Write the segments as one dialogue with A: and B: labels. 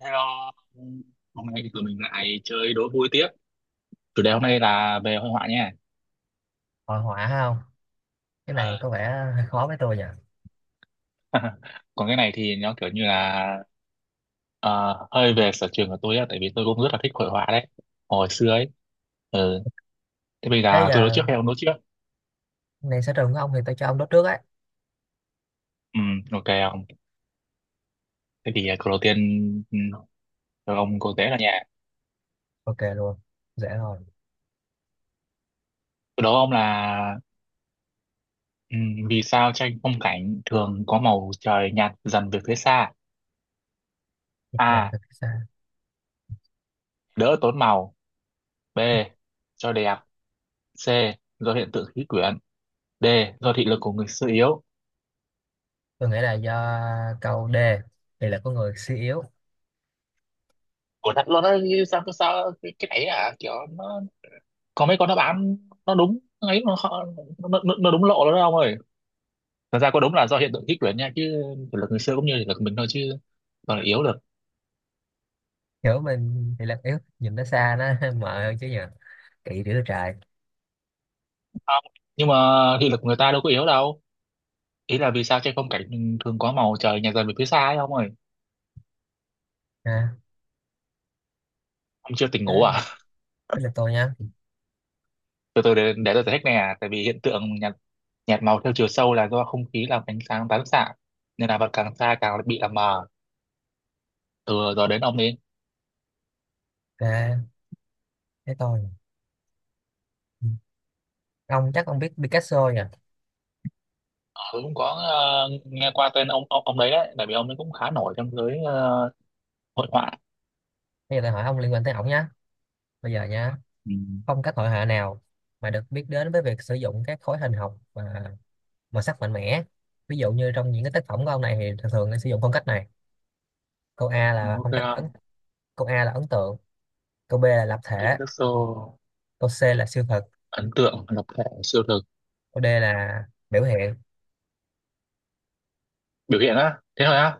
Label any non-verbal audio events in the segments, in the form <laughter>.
A: Hello, hôm nay thì tụi mình lại chơi đố vui tiếp. Chủ đề hôm nay là về hội họa nha.
B: Hội họa hay không? Cái này
A: Ờ,
B: có vẻ hơi khó với tôi nhỉ.
A: còn cái này thì nó kiểu như là ờ, hơi về sở trường của tôi á, tại vì tôi cũng rất là thích hội họa đấy. Hồi xưa ấy. Ừ. Thế bây
B: Thế
A: giờ tôi đố
B: giờ
A: trước hay ông đố trước?
B: này sở trường của ông thì tôi cho ông đốt trước ấy.
A: Ừ, ok ông. Thế thì câu đầu tiên ừ, cho ông cô dễ là nhà.
B: Ok luôn, dễ rồi.
A: Tôi đố ông là ừ, vì sao tranh phong cảnh thường có màu trời nhạt dần về phía xa?
B: Dần dần
A: A.
B: từ phía xa.
A: Đỡ tốn màu. B. Cho đẹp. C. Do hiện tượng khí quyển. D. Do thị lực của người xưa yếu.
B: Tôi nghĩ là do câu D, thì là có người suy yếu.
A: Ủa thật luôn á, như sao sao, cái này à kiểu nó có mấy con đáp án nó đúng ấy nó, nó đúng lộ đó đâu ông ơi. Thật ra có đúng là do hiện tượng khí quyển nha, chứ thị lực người xưa cũng như thị lực mình thôi chứ còn là yếu được.
B: Hiểu mình thì là yếu, nhìn nó xa nó <laughs> mờ hơn chứ nhỉ. Kỵ đứa trời.
A: Không. Nhưng mà thị lực của người ta đâu có yếu đâu. Ý là vì sao trên phong cảnh thường có màu trời nhạt dần về phía xa ấy ông ơi.
B: Ha.
A: Ông chưa tỉnh ngủ
B: thế,
A: à?
B: thế là tôi nha.
A: <laughs> Từ từ để tôi giải thích nè. Tại vì hiện tượng nhạt nhạt màu theo chiều sâu là do không khí làm ánh sáng tán xạ, nên là vật càng xa càng bị làm mờ. Từ giờ đến ông đi.
B: Ok, thế tôi. Ông ông biết Picasso nhỉ.
A: Tôi cũng có nghe qua tên ông đấy đấy, tại vì ông ấy cũng khá nổi trong giới hội họa.
B: Bây giờ tôi hỏi ông liên quan tới ổng nhá. Bây giờ nha,
A: Ừ.
B: phong cách hội họa nào mà được biết đến với việc sử dụng các khối hình học và màu sắc mạnh mẽ, ví dụ như trong những cái tác phẩm của ông này thì thường thường sẽ sử dụng phong cách này. Câu A là
A: Ok
B: phong cách
A: không?
B: ấn. Câu A là ấn tượng, câu B là lập thể,
A: Picasso.
B: câu C là siêu thực,
A: Ấn tượng, lập thể, siêu thực,
B: câu D là biểu hiện.
A: biểu hiện á, thế thôi á?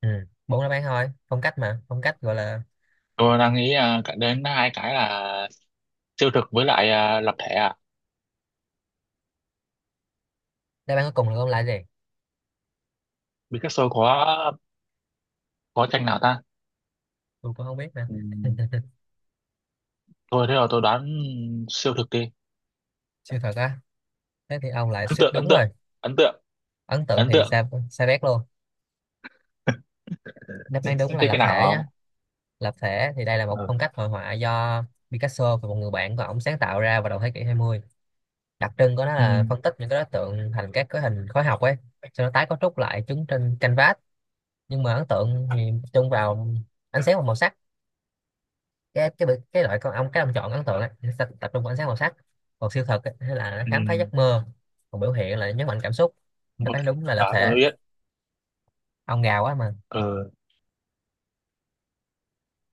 B: Ừ, bốn đáp án thôi. Phong cách mà phong cách gọi là
A: Tôi đang nghĩ à, cả đến hai cái là siêu thực với lại à, lập thể à.
B: đáp án cuối cùng là ông lại gì.
A: Picasso có tranh nào ta?
B: Tôi cũng không biết nữa.
A: Ừ.
B: <laughs>
A: Thôi thế rồi tôi đoán siêu thực đi.
B: Siêu thực á? Thế thì ông lại
A: Ấn
B: suýt
A: tượng, ấn
B: đúng rồi.
A: tượng, ấn tượng,
B: Ấn tượng
A: ấn
B: thì
A: tượng.
B: sai, sai bét luôn. Đáp án đúng
A: Em
B: là
A: thích
B: lập
A: cái nào
B: thể nhá.
A: không?
B: Lập thể thì đây là một
A: Ừ.
B: phong cách hội họa do Picasso và một người bạn của ông sáng tạo ra vào đầu thế kỷ 20. Đặc trưng của nó
A: Ừ.
B: là phân tích những cái đối tượng thành các cái hình khối học ấy, sau đó tái cấu trúc lại chúng trên canvas. Nhưng mà ấn tượng thì tập trung vào ánh sáng và màu sắc. Cái cái cái loại con ong, cái ông chọn ấn tượng ấy, nó sẽ tập trung vào ánh sáng màu sắc. Còn siêu thực ấy, hay là nó
A: Ừ.
B: khám phá giấc mơ. Còn biểu hiện là nhấn mạnh cảm xúc. Nó
A: Ok,
B: thấy đúng là lập
A: đó tôi
B: thể.
A: biết.
B: Ông gà quá mà.
A: Ừ.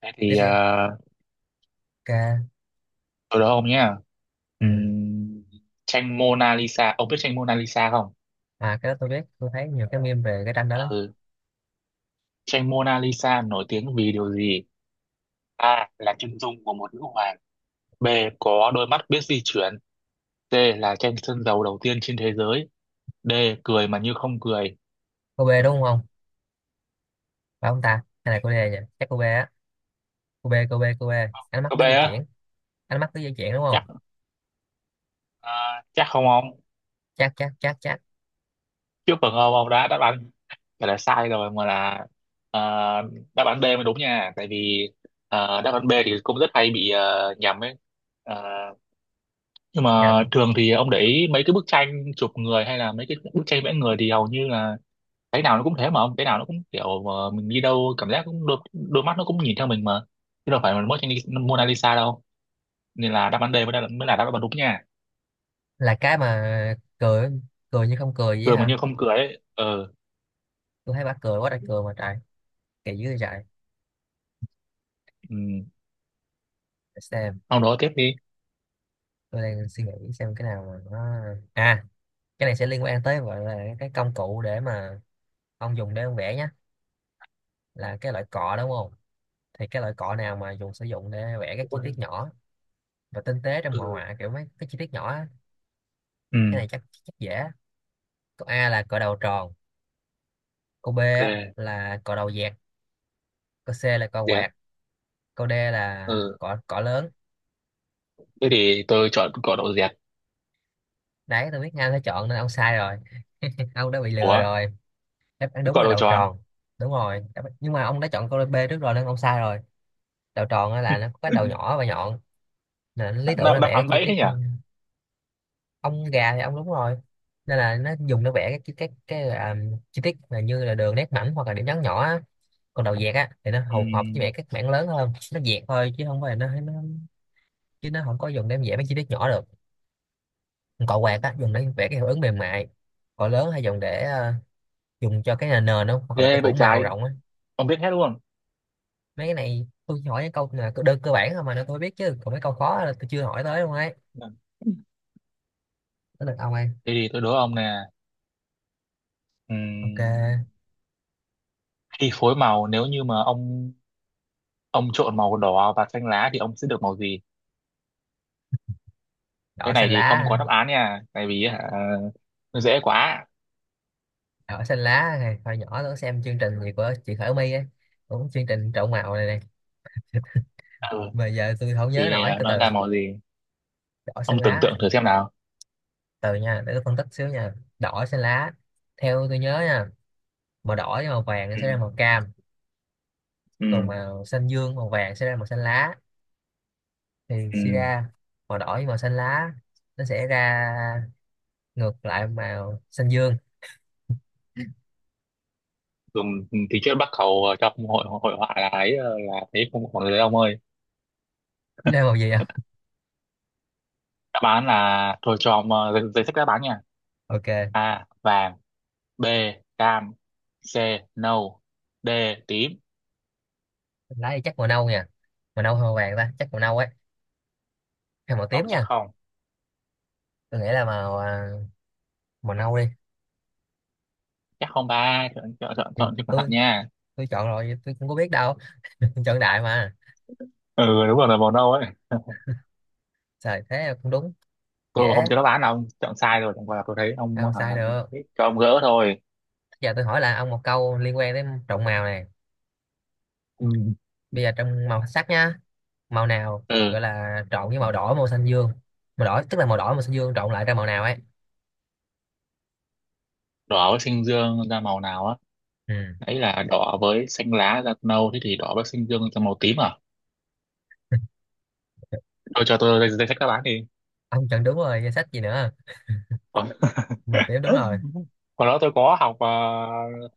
A: Thế
B: Tiếp
A: thì
B: đi.
A: à,
B: Ok.
A: tôi đố ông nhé.
B: Ừ.
A: Ừm, tranh Mona Lisa, ông biết tranh Mona Lisa không?
B: À, cái đó tôi biết, tôi thấy nhiều cái meme về cái tranh đó lắm.
A: Ừ. Tranh Mona Lisa nổi tiếng vì điều gì? A là chân dung của một nữ hoàng. B, có đôi mắt biết di chuyển. C là tranh sơn dầu đầu tiên trên thế giới. D, cười mà như không cười.
B: Cô bê đúng không? Phải ông ta hay là cô đê nhỉ? Chắc cô bê á. Cô bê, cô bê, cô bê, ánh mắt
A: Có B
B: biết di
A: á.
B: chuyển. Ánh mắt biết di chuyển đúng
A: Chắc
B: không?
A: à, chắc không ông?
B: Chắc chắc chắc chắc.
A: Trước phần ông đã đáp án phải là sai rồi, mà là à, đáp án B mới đúng nha. Tại vì đáp án B thì cũng rất hay bị nhầm ấy. Ờ, nhưng mà
B: Nhầm.
A: thường thì ông để ý mấy cái bức tranh chụp người hay là mấy cái bức tranh vẽ người thì hầu như là cái nào nó cũng thế mà ông, cái nào nó cũng kiểu ờ, mình đi đâu cảm giác cũng đôi mắt nó cũng nhìn theo mình mà, chứ đâu phải là mỗi tranh Mona Lisa đâu, nên là đáp án D mới là đáp án đúng nha.
B: Là cái mà cười, cười như không cười vậy
A: Cười mà
B: hả?
A: như không cười ấy ờ.
B: Tôi thấy bà cười quá trời, cười mà trời kỳ dữ vậy trời.
A: Ừ.
B: Để xem,
A: Ông đó tiếp đi.
B: tôi đang suy nghĩ xem cái nào mà nó. À, cái này sẽ liên quan tới gọi là cái công cụ để mà ông dùng để ông vẽ nhá. Là cái loại cọ đúng không? Thì cái loại cọ nào mà dùng sử dụng để vẽ các chi tiết
A: Ừ.
B: nhỏ và tinh tế trong hội họa, kiểu mấy cái chi tiết nhỏ á. Cái
A: Ừ.
B: này chắc chắc dễ. Câu A là cọ đầu tròn, câu B á
A: Ok.
B: là cọ đầu dẹt, câu C là cọ
A: Dẹt.
B: quạt, câu D là
A: Ừ,
B: cọ cọ lớn.
A: thế thì tôi chọn cỏ đậu dẹt.
B: Đấy, tôi biết ngay phải chọn, nên ông sai rồi, ông đã bị lừa
A: Ủa.
B: rồi. Đáp án đúng
A: Cỏ
B: là
A: đầu
B: đầu
A: tròn.
B: tròn. Đúng rồi. Đáp- nhưng mà ông đã chọn câu B trước rồi nên ông sai rồi. Đầu tròn á là nó có cái đầu nhỏ và
A: <laughs>
B: nhọn, nên nó lý tưởng
A: Đáp
B: để
A: đáp
B: vẽ cái
A: án
B: chi
A: bẫy thế
B: tiết.
A: nhỉ.
B: Ừ, ông gà thì ông đúng rồi. Nên là nó dùng để vẽ cái chi tiết, là như là đường nét mảnh hoặc là điểm nhấn nhỏ á. Còn đầu dẹt á thì nó hầu hợp với vẽ
A: Ừ.
B: các mảng lớn hơn, nó dẹt thôi chứ không phải là nó. Chứ nó không có dùng để vẽ mấy chi tiết nhỏ được. Còn cọ quạt á dùng để vẽ cái hiệu ứng mềm mại. Cọ lớn hay dùng để dùng cho cái nền nền không, hoặc là cái
A: Ghê
B: phủ
A: vậy
B: màu
A: trái,
B: rộng á.
A: ông biết hết luôn.
B: Mấy cái này tôi chỉ hỏi những câu là đơn cơ bản thôi mà nó tôi biết, chứ còn mấy câu khó là tôi chưa hỏi tới luôn ấy. Tới lượt ông ấy.
A: Thế thì tôi đố ông nè,
B: Ok.
A: ừm, khi phối màu, nếu như mà ông trộn màu đỏ và xanh lá thì ông sẽ được màu gì?
B: Đỏ
A: Cái này
B: xanh
A: thì không
B: lá.
A: có đáp án nha, tại vì hả, nó dễ quá.
B: Đỏ xanh lá này, hồi nhỏ tôi xem chương trình gì của chị Khởi My ấy, cũng chương trình trộn màu này này,
A: Ừ,
B: mà giờ tôi không nhớ
A: thì
B: nổi.
A: à,
B: từ
A: nó
B: từ
A: ra màu gì?
B: đỏ
A: Ông
B: xanh
A: tưởng
B: lá.
A: tượng thử xem nào.
B: Từ nha, để tôi phân tích xíu nha. Đỏ xanh lá, theo tôi nhớ nha, màu đỏ với màu vàng
A: Ừ,
B: sẽ ra màu cam, còn
A: ừ,
B: màu xanh dương màu vàng sẽ ra màu xanh lá, thì
A: ừ.
B: suy ra màu đỏ với màu xanh lá nó sẽ ra ngược lại màu xanh dương.
A: Dùng thì trước Bắc Cầu trong hội hội họa là ấy ờ, là thấy không còn đấy ông ơi.
B: Nên màu gì à?
A: Đáp án là thôi cho ông giấy, giấy sách đáp án nha.
B: Ok,
A: A vàng, B cam, C nâu, D tím.
B: lá thì chắc màu nâu nha. Màu nâu hay màu vàng ta? Chắc màu nâu ấy. Hay màu
A: Ông
B: tím
A: chắc
B: nha.
A: không?
B: Tôi nghĩ là màu nâu đi.
A: Chắc không ba, chọn chọn chọn
B: Thì
A: chọn cho cẩn thận
B: tôi
A: nha.
B: tôi chọn rồi, vậy tôi không có biết đâu. <laughs> Chọn đại mà.
A: Ừ đúng rồi, là màu nâu ấy. <laughs>
B: Trời thế không đúng.
A: Tôi mà không
B: Dễ,
A: cho nó bán đâu, chọn sai rồi, chẳng qua là tôi thấy ông
B: sao mà
A: hả,
B: sai được.
A: thích cho ông gỡ thôi.
B: Giờ tôi hỏi là ông một câu liên quan đến trộn màu này.
A: Ừ.
B: Bây giờ trong màu sắc nha, màu nào
A: Ừ.
B: gọi là trộn với màu đỏ, màu xanh dương. Màu đỏ tức là màu đỏ, màu xanh dương trộn lại ra màu nào ấy.
A: Đỏ với xanh dương ra màu nào á?
B: Ừ.
A: Ấy, là đỏ với xanh lá ra nâu, thế thì đỏ với xanh dương ra màu tím à? Tôi cho tôi danh danh sách đáp án đi.
B: Ông chọn đúng rồi, danh sách gì nữa?
A: Còn.
B: Màu tím đúng rồi.
A: <laughs> Còn đó tôi có học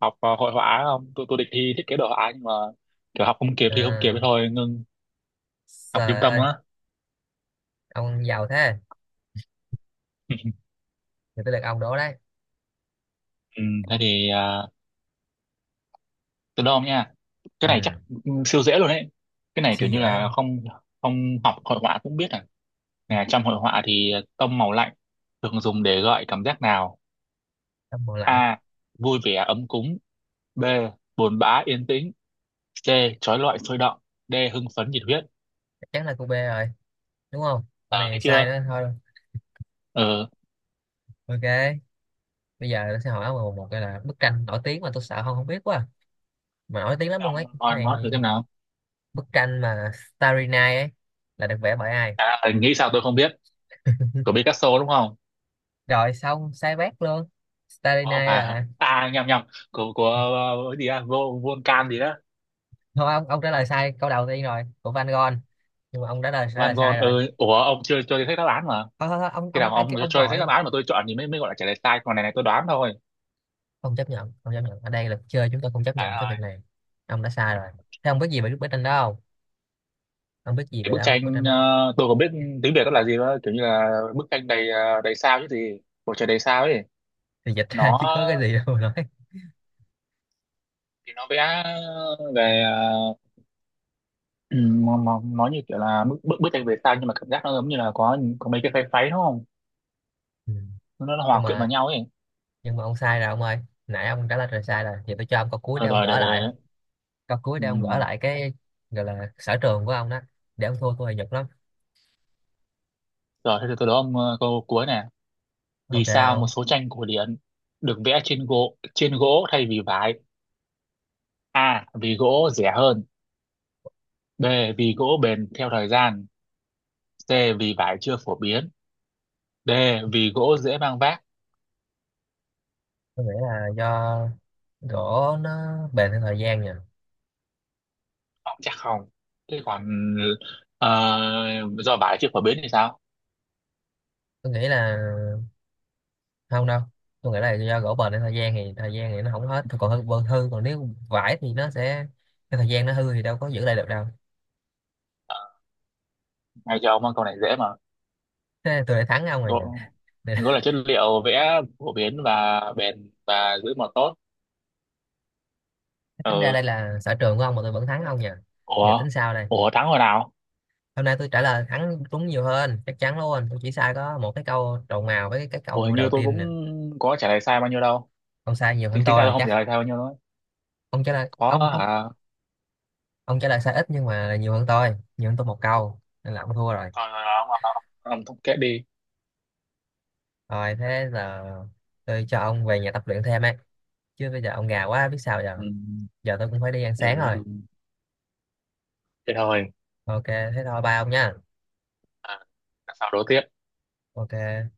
A: học hội họa không, tôi tôi định thi thiết kế đồ họa, nhưng mà kiểu học không kịp thì không kịp, thế
B: À,
A: thôi ngưng. Học trung
B: trời
A: tâm
B: ơi,
A: á.
B: ông giàu thế.
A: <laughs>
B: Thì tôi được ông đố đấy.
A: Ừ, thế thì từ đâu nha, cái này
B: Ừ.
A: chắc ừ, siêu dễ luôn đấy, cái này
B: Siêu
A: kiểu như
B: dễ.
A: là không không học hội họa cũng biết à. Nè, trong hội họa thì tông màu lạnh thường dùng để gợi cảm giác nào?
B: Tắm mùa lạnh.
A: A, vui vẻ ấm cúng. B, buồn bã yên tĩnh. C, trói lọi sôi động. D, hưng phấn nhiệt huyết.
B: Chắc chắn là cô B rồi, đúng không? Con
A: Ờ thấy
B: này sai
A: chưa.
B: đó thôi.
A: Ờ.
B: Ok, bây giờ tôi sẽ hỏi một cái là bức tranh nổi tiếng mà tôi sợ không không biết quá à. Mà nổi tiếng lắm
A: Thế
B: luôn
A: ông
B: ấy cái
A: nói
B: này.
A: thử xem nào.
B: Bức tranh mà Starry Night ấy là được vẽ bởi ai?
A: À, nghĩ sao tôi không biết, của Picasso đúng không?
B: Rồi xong, sai bét luôn. Starry
A: Ủa, không
B: Night
A: phải
B: là.
A: à, nhầm nhầm, của ờ, cái gì à, vô Volcan gì đó.
B: Thôi ông trả lời sai câu đầu tiên rồi, của Van Gogh, nhưng mà ông đã lời trả
A: Van
B: lời sai
A: Gogh.
B: rồi.
A: Ừ. Ủa ông chưa cho tôi thấy đáp án mà.
B: Thôi ông
A: Khi
B: ông
A: nào
B: ai
A: ông
B: kêu
A: cho
B: ông
A: tôi thấy đáp
B: vội.
A: án mà tôi chọn thì mới mới gọi là trả lời sai, còn này này tôi đoán thôi.
B: Không chấp nhận, không chấp nhận, ở đây là chơi chúng tôi không chấp nhận cái
A: À,
B: việc này. Ông đã sai rồi. Thế ông biết gì về bức tranh đó không? Không biết gì
A: cái
B: về
A: bức
B: đâu bức
A: tranh
B: tranh đó.
A: ờ, tôi không biết tiếng Việt nó là gì, đó kiểu như là bức tranh đầy ờ, đầy sao chứ gì, bầu trời đầy sao ấy.
B: Thì dịch ra
A: Nó
B: chứ có cái gì đâu mà nói.
A: thì nó vẽ về <clears throat> nó như kiểu là bức bức, bức tranh về sao, nhưng mà cảm giác nó giống như là có mấy cái pháy pháy đúng không,
B: Ừ.
A: nó, nó
B: nhưng
A: hòa quyện vào
B: mà
A: nhau ấy.
B: nhưng mà ông sai rồi ông ơi. Nãy ông trả lời rồi sai rồi thì tôi cho ông câu cuối
A: Ờ,
B: để ông
A: rồi để,
B: gỡ lại.
A: để
B: Câu cuối để ông gỡ
A: ừ,
B: lại cái gọi là sở trường của ông đó, để ông thua tôi thì nhục lắm.
A: rồi thế thì tôi đố ông câu cuối nè. Vì
B: Ok
A: sao một
B: ông.
A: số tranh cổ điển được vẽ trên gỗ thay vì vải? A. Vì gỗ rẻ hơn. B, vì gỗ bền theo thời gian. C. Vì vải chưa phổ biến. D. Vì gỗ dễ mang vác.
B: Tôi nghĩ là do gỗ nó bền theo thời gian nha.
A: Ông chắc không? Thế còn ờ, do vải chưa phổ biến thì sao?
B: Tôi nghĩ là không đâu, tôi nghĩ là do gỗ bền theo thời gian, thì thời gian thì nó không hết còn hư bờ hư, còn nếu vải thì nó sẽ, cái thời gian nó hư thì đâu có giữ lại được đâu.
A: Ngay cho ông con câu này dễ mà.
B: Thế tôi lại thắng ông rồi nhỉ.
A: Gỗ, gỗ là chất liệu vẽ phổ biến và bền và giữ màu tốt.
B: Tính ra
A: Ừ.
B: đây là sở trường của ông mà tôi vẫn thắng ông nhỉ. Giờ
A: Ủa?
B: tính sao đây?
A: Ủa thắng rồi nào?
B: Hôm nay tôi trả lời thắng đúng nhiều hơn, chắc chắn luôn, tôi chỉ sai có một cái câu trầu mào với cái
A: Ủa hình
B: câu
A: như
B: đầu
A: tôi
B: tiên
A: cũng
B: nè.
A: có trả lời sai bao nhiêu đâu.
B: Ông sai nhiều
A: Tính
B: hơn
A: tính ra
B: tôi
A: tôi
B: là
A: không
B: chắc.
A: trả lời sai bao nhiêu đâu.
B: Ông trả lời
A: Có
B: ông không.
A: hả?
B: Ông trả lời sai ít nhưng mà là nhiều hơn tôi, nhiều hơn tôi một câu, nên là ông thua rồi.
A: Rồi rồi rồi, ông thống kết đi.
B: Rồi thế giờ tôi cho ông về nhà tập luyện thêm ấy, chứ bây giờ ông gà quá biết sao
A: Ừ.
B: giờ. Giờ tôi cũng phải đi ăn
A: Ừ.
B: sáng rồi.
A: Ừ. Thế thôi.
B: Ok thế thôi, bye ông nha.
A: À, các pháo đố tiếp.
B: Ok.